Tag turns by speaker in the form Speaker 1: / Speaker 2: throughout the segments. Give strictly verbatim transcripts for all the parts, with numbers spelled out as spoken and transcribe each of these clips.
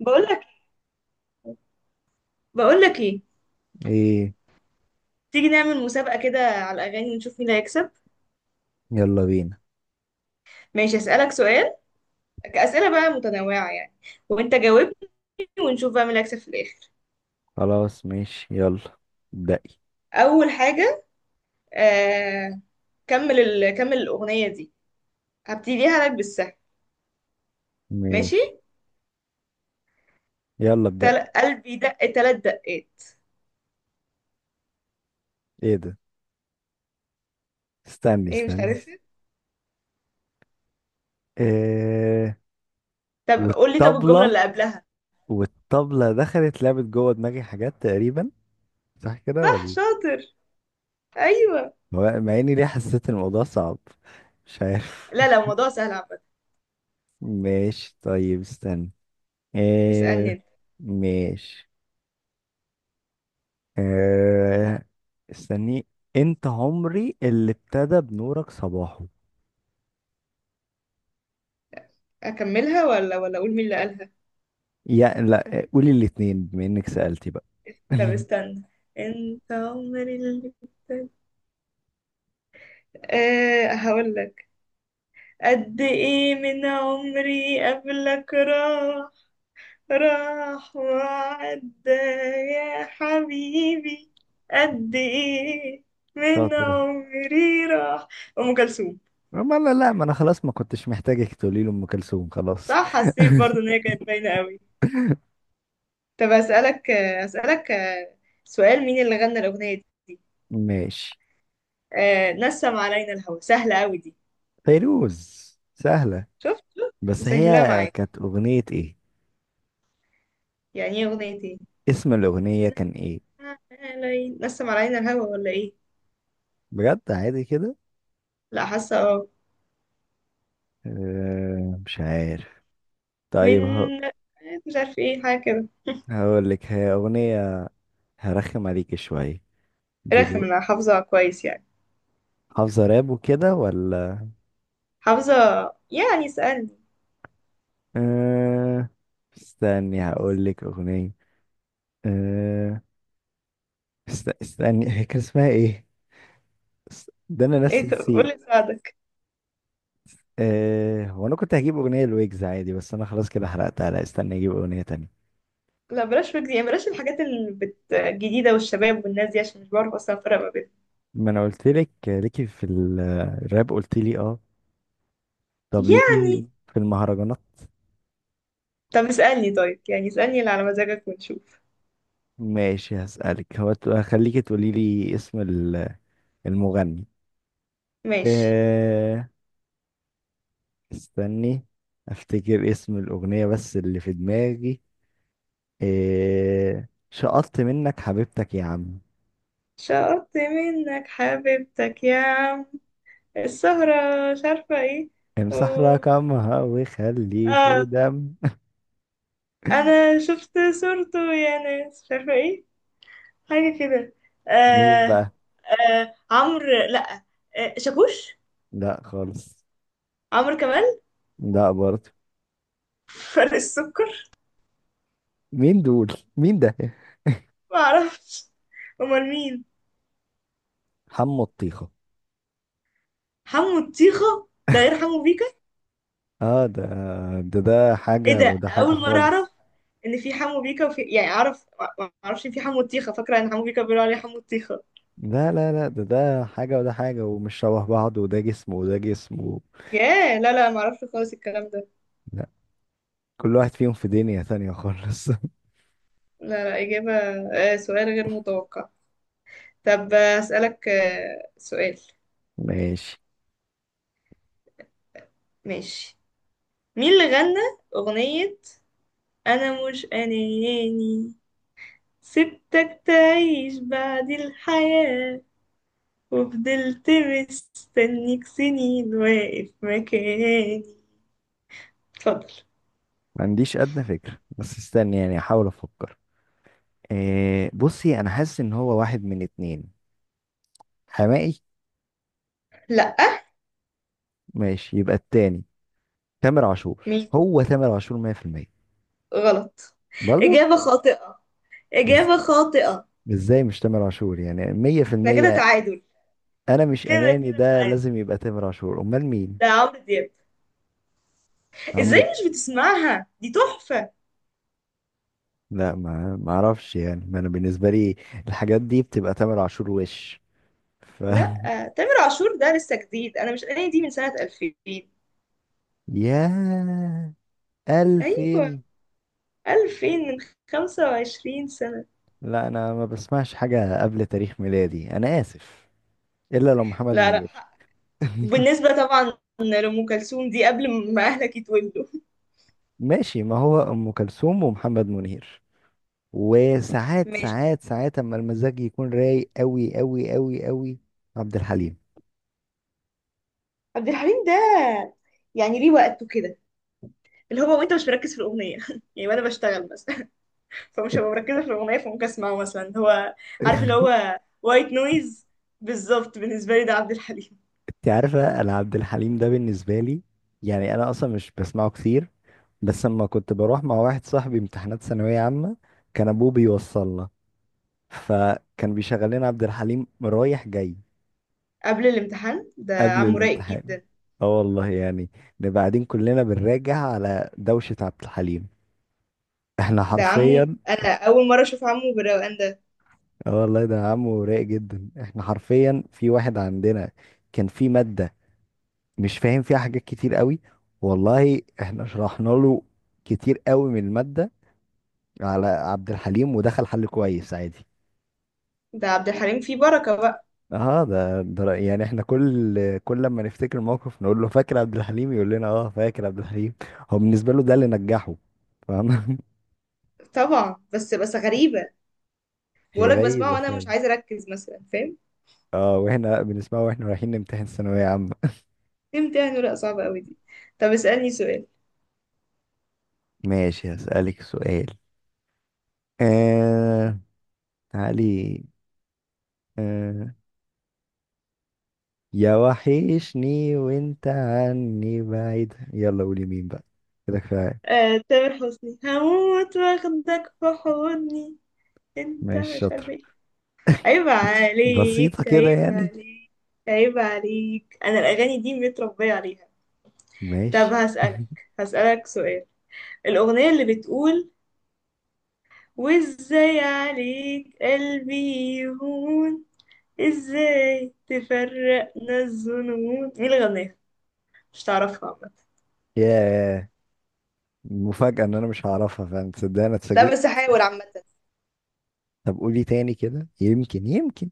Speaker 1: بقول لك بقول لك ايه؟
Speaker 2: ايه.
Speaker 1: تيجي نعمل مسابقة كده على الأغاني ونشوف مين اللي هيكسب.
Speaker 2: يلا بينا.
Speaker 1: ماشي، أسألك سؤال، أسئلة بقى متنوعة يعني، وأنت جاوبني ونشوف بقى مين اللي هيكسب في الآخر.
Speaker 2: خلاص ماشي يلا ابدأي.
Speaker 1: أول حاجة آه... كمل ال... كمل الأغنية دي، هبتديها لك بالسهل. ماشي،
Speaker 2: ماشي. يلا ابدأي.
Speaker 1: تل... قلبي دق تلات دقات.
Speaker 2: ايه ده؟ استني
Speaker 1: ايه، مش
Speaker 2: استني است-
Speaker 1: عارفة.
Speaker 2: إيه.
Speaker 1: طب قول لي، طب الجملة
Speaker 2: والطبلة
Speaker 1: اللي قبلها.
Speaker 2: والطبلة دخلت لعبت جوه دماغي حاجات تقريبا. صح كده
Speaker 1: صح
Speaker 2: ولا؟
Speaker 1: شاطر. أيوه.
Speaker 2: هو- مع اني ليه حسيت الموضوع صعب. مش عارف.
Speaker 1: لا لا الموضوع سهل عامة.
Speaker 2: ماشي طيب استني.
Speaker 1: اسألني
Speaker 2: إيه.
Speaker 1: أنت.
Speaker 2: ماشي. إيه. استني. انت عمري اللي ابتدى بنورك صباحه.
Speaker 1: أكملها ولا ولا أقول مين اللي قالها؟
Speaker 2: يا لا قولي الاتنين بما انك سألتي بقى.
Speaker 1: طب استنى، أنت عمري اللي، أه هقولك، قد ايه من عمري قبلك راح، راح وعدى يا حبيبي، قد ايه من
Speaker 2: شاطرة.
Speaker 1: عمري راح. ام كلثوم.
Speaker 2: ما لا لا، ما انا خلاص ما كنتش محتاجك تقولي له ام كلثوم، خلاص.
Speaker 1: صح، حسيت برضو ان هي كانت باينه قوي. طب اسالك آه، اسالك آه، سؤال، مين اللي غنى الاغنيه دي؟
Speaker 2: ماشي.
Speaker 1: أه، نسم علينا الهوى، سهله قوي دي.
Speaker 2: فيروز. سهلة.
Speaker 1: شفت شفت
Speaker 2: بس
Speaker 1: مسهلاه
Speaker 2: هي
Speaker 1: معاك.
Speaker 2: كانت اغنية ايه؟
Speaker 1: يعني ايه اغنيه ايه؟
Speaker 2: اسم الاغنية كان ايه؟
Speaker 1: علي- نسم علينا الهوى ولا ايه؟
Speaker 2: بجد عادي كده.
Speaker 1: لا حاسه اه.
Speaker 2: أه مش عارف. طيب هو.
Speaker 1: من، مش عارف ايه، حاجه كده.
Speaker 2: هقول لك هي اغنية. هرخم عليك شوية
Speaker 1: رخم،
Speaker 2: دلوقتي.
Speaker 1: انا حافظه كويس يعني.
Speaker 2: حافظة راب وكده ولا؟
Speaker 1: حافظه، يعني اسالني.
Speaker 2: أه. استني هقول لك اغنية. أه است- استني هي كان اسمها ايه؟ است- ده انا نفسي
Speaker 1: ايه، طب
Speaker 2: نسيت.
Speaker 1: قولي اساعدك.
Speaker 2: آه هو انا كنت هجيب اغنيه لويجز عادي، بس انا خلاص كده حرقتها. لا استني اجيب اغنيه تانية.
Speaker 1: لا بلاش فكرة، يعني بلاش الحاجات اللي بت- الجديده والشباب والناس دي عشان مش بعرف اصلا افرق ما بينهم.
Speaker 2: ما انا قلت لك ليكي في ال- الراب، قلت لي اه. طب ليكي
Speaker 1: يعني
Speaker 2: في المهرجانات؟
Speaker 1: طب اسالني، طيب يعني اسالني اللي على مزاجك ونشوف.
Speaker 2: ماشي هسألك. هو ت- هخليكي تقولي لي اسم ال- المغني.
Speaker 1: ماشي.
Speaker 2: آه. استني افتكر اسم الاغنيه بس اللي في دماغي. آه شقطت منك حبيبتك يا عم،
Speaker 1: شقطت منك حبيبتك يا عم، السهرة، مش عارفة ايه.
Speaker 2: امسح
Speaker 1: أوه.
Speaker 2: رقمها وخلي في
Speaker 1: اه،
Speaker 2: دم.
Speaker 1: انا شفت صورته يا ناس، مش عارفة ايه، حاجة كده.
Speaker 2: مين
Speaker 1: آه.
Speaker 2: بقى؟
Speaker 1: آه عمرو، لا، آه شاكوش.
Speaker 2: لا خالص.
Speaker 1: عمرو كمال.
Speaker 2: لا برضه.
Speaker 1: فرق السكر.
Speaker 2: مين دول؟ مين ده؟
Speaker 1: ما اعرفش. امال مين؟
Speaker 2: حمو الطيخة.
Speaker 1: حمو الطيخة ده غير حمو بيكا؟
Speaker 2: اه ده. ده ده
Speaker 1: ايه
Speaker 2: حاجة
Speaker 1: ده،
Speaker 2: وده
Speaker 1: ده
Speaker 2: حاجة
Speaker 1: اول مرة اعرف
Speaker 2: خالص.
Speaker 1: ان في حمو بيكا وفي، يعني اعرف، ما ما اعرفش إن في حمو الطيخة، فاكرة ان حمو بيكا بيقولوا عليه حمو الطيخة.
Speaker 2: لا لا لا، ده ده حاجة وده حاجة ومش شبه بعض وده جسم وده جسم و...
Speaker 1: ياه، لا لا ما اعرفش خالص الكلام ده.
Speaker 2: لا. كل واحد فيهم في دنيا تانية خالص.
Speaker 1: لا لا، اجابة. آه سؤال غير متوقع. طب آه، اسألك آه سؤال.
Speaker 2: ماشي.
Speaker 1: ماشي. مين اللي غنى اغنية انا مش اناني، سبتك تعيش بعد الحياة، وفضلت مستنيك سنين واقف مكاني؟ اتفضل.
Speaker 2: ما عنديش أدنى فكرة، بس استني يعني أحاول أفكر. إيه. بصي، أنا حاسس إن هو واحد من اتنين. حمائي.
Speaker 1: لأ.
Speaker 2: ماشي، يبقى التاني. تامر عاشور.
Speaker 1: مين؟
Speaker 2: هو تامر عاشور مئة في المئة.
Speaker 1: غلط.
Speaker 2: برضه.
Speaker 1: إجابة خاطئة،
Speaker 2: إز-
Speaker 1: إجابة خاطئة.
Speaker 2: ازاي مش تامر عاشور يعني
Speaker 1: ده كده
Speaker 2: مية في المية؟
Speaker 1: تعادل.
Speaker 2: انا مش
Speaker 1: كده
Speaker 2: اناني
Speaker 1: كده
Speaker 2: ده
Speaker 1: تعادل.
Speaker 2: لازم يبقى تامر عاشور، امال مين؟
Speaker 1: ده عمرو دياب.
Speaker 2: عمرو.
Speaker 1: ازاي مش بتسمعها، دي تحفة.
Speaker 2: لا، ما ما اعرفش يعني. ما انا بالنسبه لي الحاجات دي بتبقى تامر عاشور وش. ف
Speaker 1: لأ، تامر عاشور ده لسه جديد. أنا مش أنا دي من سنة ألفين.
Speaker 2: يا.
Speaker 1: أيوة،
Speaker 2: ألفين.
Speaker 1: ألفين، من خمس وعشرين سنة.
Speaker 2: لا انا ما بسمعش حاجه قبل تاريخ ميلادي، انا اسف. الا لو محمد
Speaker 1: لا لا،
Speaker 2: منير.
Speaker 1: وبالنسبة طبعا لأم كلثوم دي قبل ما أهلك يتولوا.
Speaker 2: ماشي. ما هو ام كلثوم ومحمد منير، وساعات
Speaker 1: ماشي.
Speaker 2: ساعات ساعات اما المزاج يكون رايق قوي قوي قوي قوي. عبد الحليم.
Speaker 1: عبد الحليم ده، يعني ليه وقته كده، اللي هو وانت مش مركز في الأغنية يعني، وأنا بشتغل بس فمش
Speaker 2: انت.
Speaker 1: هبقى مركزة في الأغنية فممكن أسمعه مثلا، هو عارف اللي هو وايت نويز، بالظبط بالنسبة لي ده عبد الحليم.
Speaker 2: إنت عارفه، انا عبد الحليم ده بالنسبه لي يعني انا اصلا مش بسمعه كتير. بس اما كنت بروح مع واحد صاحبي امتحانات ثانويه عامه، كان ابوه بيوصلنا فكان بيشغل لنا عبد الحليم رايح جاي.
Speaker 1: قبل الامتحان، ده
Speaker 2: قبل
Speaker 1: عمه رايق
Speaker 2: الامتحان.
Speaker 1: جدا.
Speaker 2: اه والله يعني نبقى قاعدين كلنا بنراجع على دوشه عبد الحليم. احنا
Speaker 1: ده عمه،
Speaker 2: حرفيا.
Speaker 1: أول مرة أشوف عمه بالروقان ده.
Speaker 2: اه والله، ده عمه رايق جدا. احنا حرفيا في واحد عندنا كان في مادة مش فاهم فيها حاجات كتير قوي، والله احنا شرحنا له كتير قوي من المادة على عبد الحليم ودخل حل كويس عادي.
Speaker 1: ده عبد الحليم فيه بركة بقى.
Speaker 2: اه ده, ده رأي- يعني احنا كل كل لما نفتكر موقف نقول له فاكر عبد الحليم، يقول لنا اه فاكر عبد الحليم. هو بالنسبة له ده اللي نجحه. فاهم؟
Speaker 1: طبعا، بس بس غريبة.
Speaker 2: هي
Speaker 1: بقولك بسمعه
Speaker 2: غريبة
Speaker 1: وأنا
Speaker 2: فعلا.
Speaker 1: مش عايزة أركز مثلا، فاهم.
Speaker 2: اه، واحنا بنسمعه واحنا رايحين نمتحن ثانوية عامة.
Speaker 1: تمتحن ورقة صعبة قوي دي. طب اسألني سؤال.
Speaker 2: ماشي هسألك سؤال. آه تعالي. آه يا وحشني وانت عني بعيد. يلا قولي مين بقى. كده كفاية.
Speaker 1: آه، تامر حسني، هموت واخدك في حضني، انت
Speaker 2: ماشي
Speaker 1: مش عارفة
Speaker 2: شاطر.
Speaker 1: ايه. عيب
Speaker 2: بسيطة
Speaker 1: عليك،
Speaker 2: كده
Speaker 1: عيب
Speaker 2: يعني.
Speaker 1: عليك، عيب عليك، انا الاغاني دي متربية عليها. طب
Speaker 2: ماشي.
Speaker 1: هسألك، هسألك سؤال. الأغنية اللي بتقول، وازاي عليك قلبي يهون، ازاي تفرقنا الظنون، مين اللي غناها؟ مش تعرفها عامة.
Speaker 2: يا مفاجأة ان انا مش هعرفها. فاهم؟ تصدق انا
Speaker 1: لا
Speaker 2: اتفاجئت.
Speaker 1: بس هحاول عامة.
Speaker 2: طب قولي تاني كده، يمكن يمكن.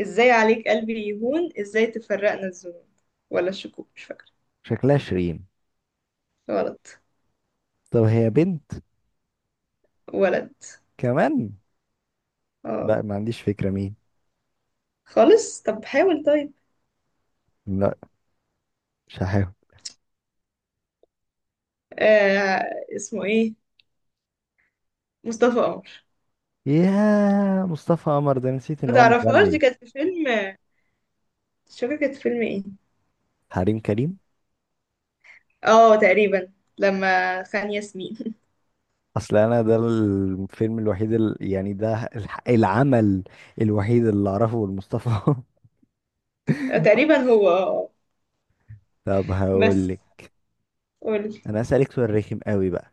Speaker 1: ازاي عليك قلبي يهون، ازاي تفرقنا الذنوب، ولا الشكوك، مش فاكرة.
Speaker 2: شكلها شيرين.
Speaker 1: غلط.
Speaker 2: طب هي بنت؟
Speaker 1: ولد.
Speaker 2: كمان.
Speaker 1: اه.
Speaker 2: لا ما عنديش فكرة مين.
Speaker 1: خالص، طب حاول طيب.
Speaker 2: لا مش هحاول.
Speaker 1: آه، اسمه ايه؟ مصطفى قمر.
Speaker 2: يا مصطفى قمر، ده نسيت
Speaker 1: ما
Speaker 2: ان هو
Speaker 1: تعرفهاش، دي
Speaker 2: مغني.
Speaker 1: كانت في فيلم، مش فاكرة كانت في فيلم ايه.
Speaker 2: حريم كريم.
Speaker 1: اه تقريبا، لما خان ياسمين.
Speaker 2: اصل انا ده الفيلم الوحيد ال... يعني ده الح- العمل الوحيد اللي اعرفه لمصطفى.
Speaker 1: تقريبا هو اه.
Speaker 2: طب هقول
Speaker 1: بس
Speaker 2: لك.
Speaker 1: قولي.
Speaker 2: انا اسالك سؤال رخم قوي بقى.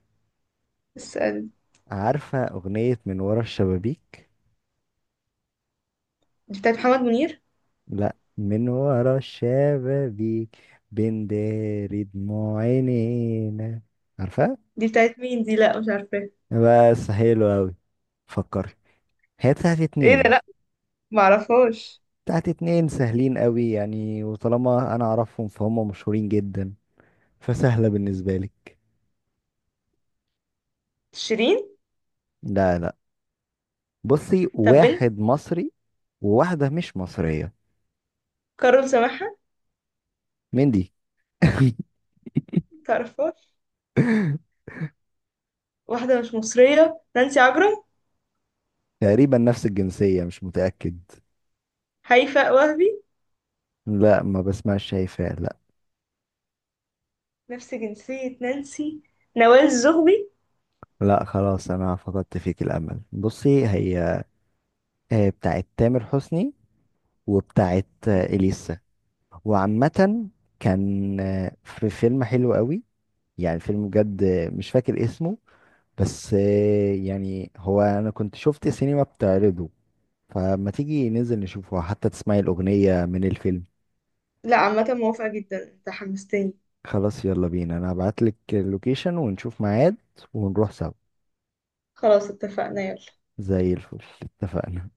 Speaker 1: اسأل.
Speaker 2: عارفه اغنيه من ورا الشبابيك؟
Speaker 1: دي بتاعت محمد منير؟
Speaker 2: لا، من ورا الشبابيك بنداري دموع عينينا. عارفه؟
Speaker 1: دي بتاعت مين دي، لا مش عارفة.
Speaker 2: بس حلو قوي. فكري. هي بتاعت
Speaker 1: ايه ده،
Speaker 2: اتنين.
Speaker 1: لا معرفهاش.
Speaker 2: بتاعت اتنين سهلين قوي يعني، وطالما انا اعرفهم فهم مشهورين جدا، فسهله بالنسبه لك.
Speaker 1: شيرين.
Speaker 2: لا لا. بصي
Speaker 1: طب بنت.
Speaker 2: واحد مصري وواحدة مش مصرية.
Speaker 1: كارول سماحة.
Speaker 2: مين دي؟
Speaker 1: تعرفهاش. واحدة مش مصرية، نانسي عجرم.
Speaker 2: تقريبا نفس الجنسية، مش متأكد.
Speaker 1: هيفاء وهبي.
Speaker 2: لا ما بسمعش. شايفة لا.
Speaker 1: نفس جنسية نانسي. نوال زغبي.
Speaker 2: لا خلاص، أنا فقدت فيك الأمل. بصي، هي آه، بتاعت تامر حسني، وبتاعت آه، إليسا. وعامة كان آه، في فيلم حلو قوي، يعني فيلم بجد آه، مش فاكر اسمه. بس آه، يعني هو أنا كنت شفت سينما بتعرضه، فما تيجي ننزل نشوفه حتى تسمعي الأغنية من الفيلم.
Speaker 1: لا عامة موافقة جدا، انت حمستني.
Speaker 2: خلاص يلا بينا، انا هبعتلك اللوكيشن ونشوف ميعاد ونروح سوا.
Speaker 1: خلاص اتفقنا يلا.
Speaker 2: زي الفل. اتفقنا.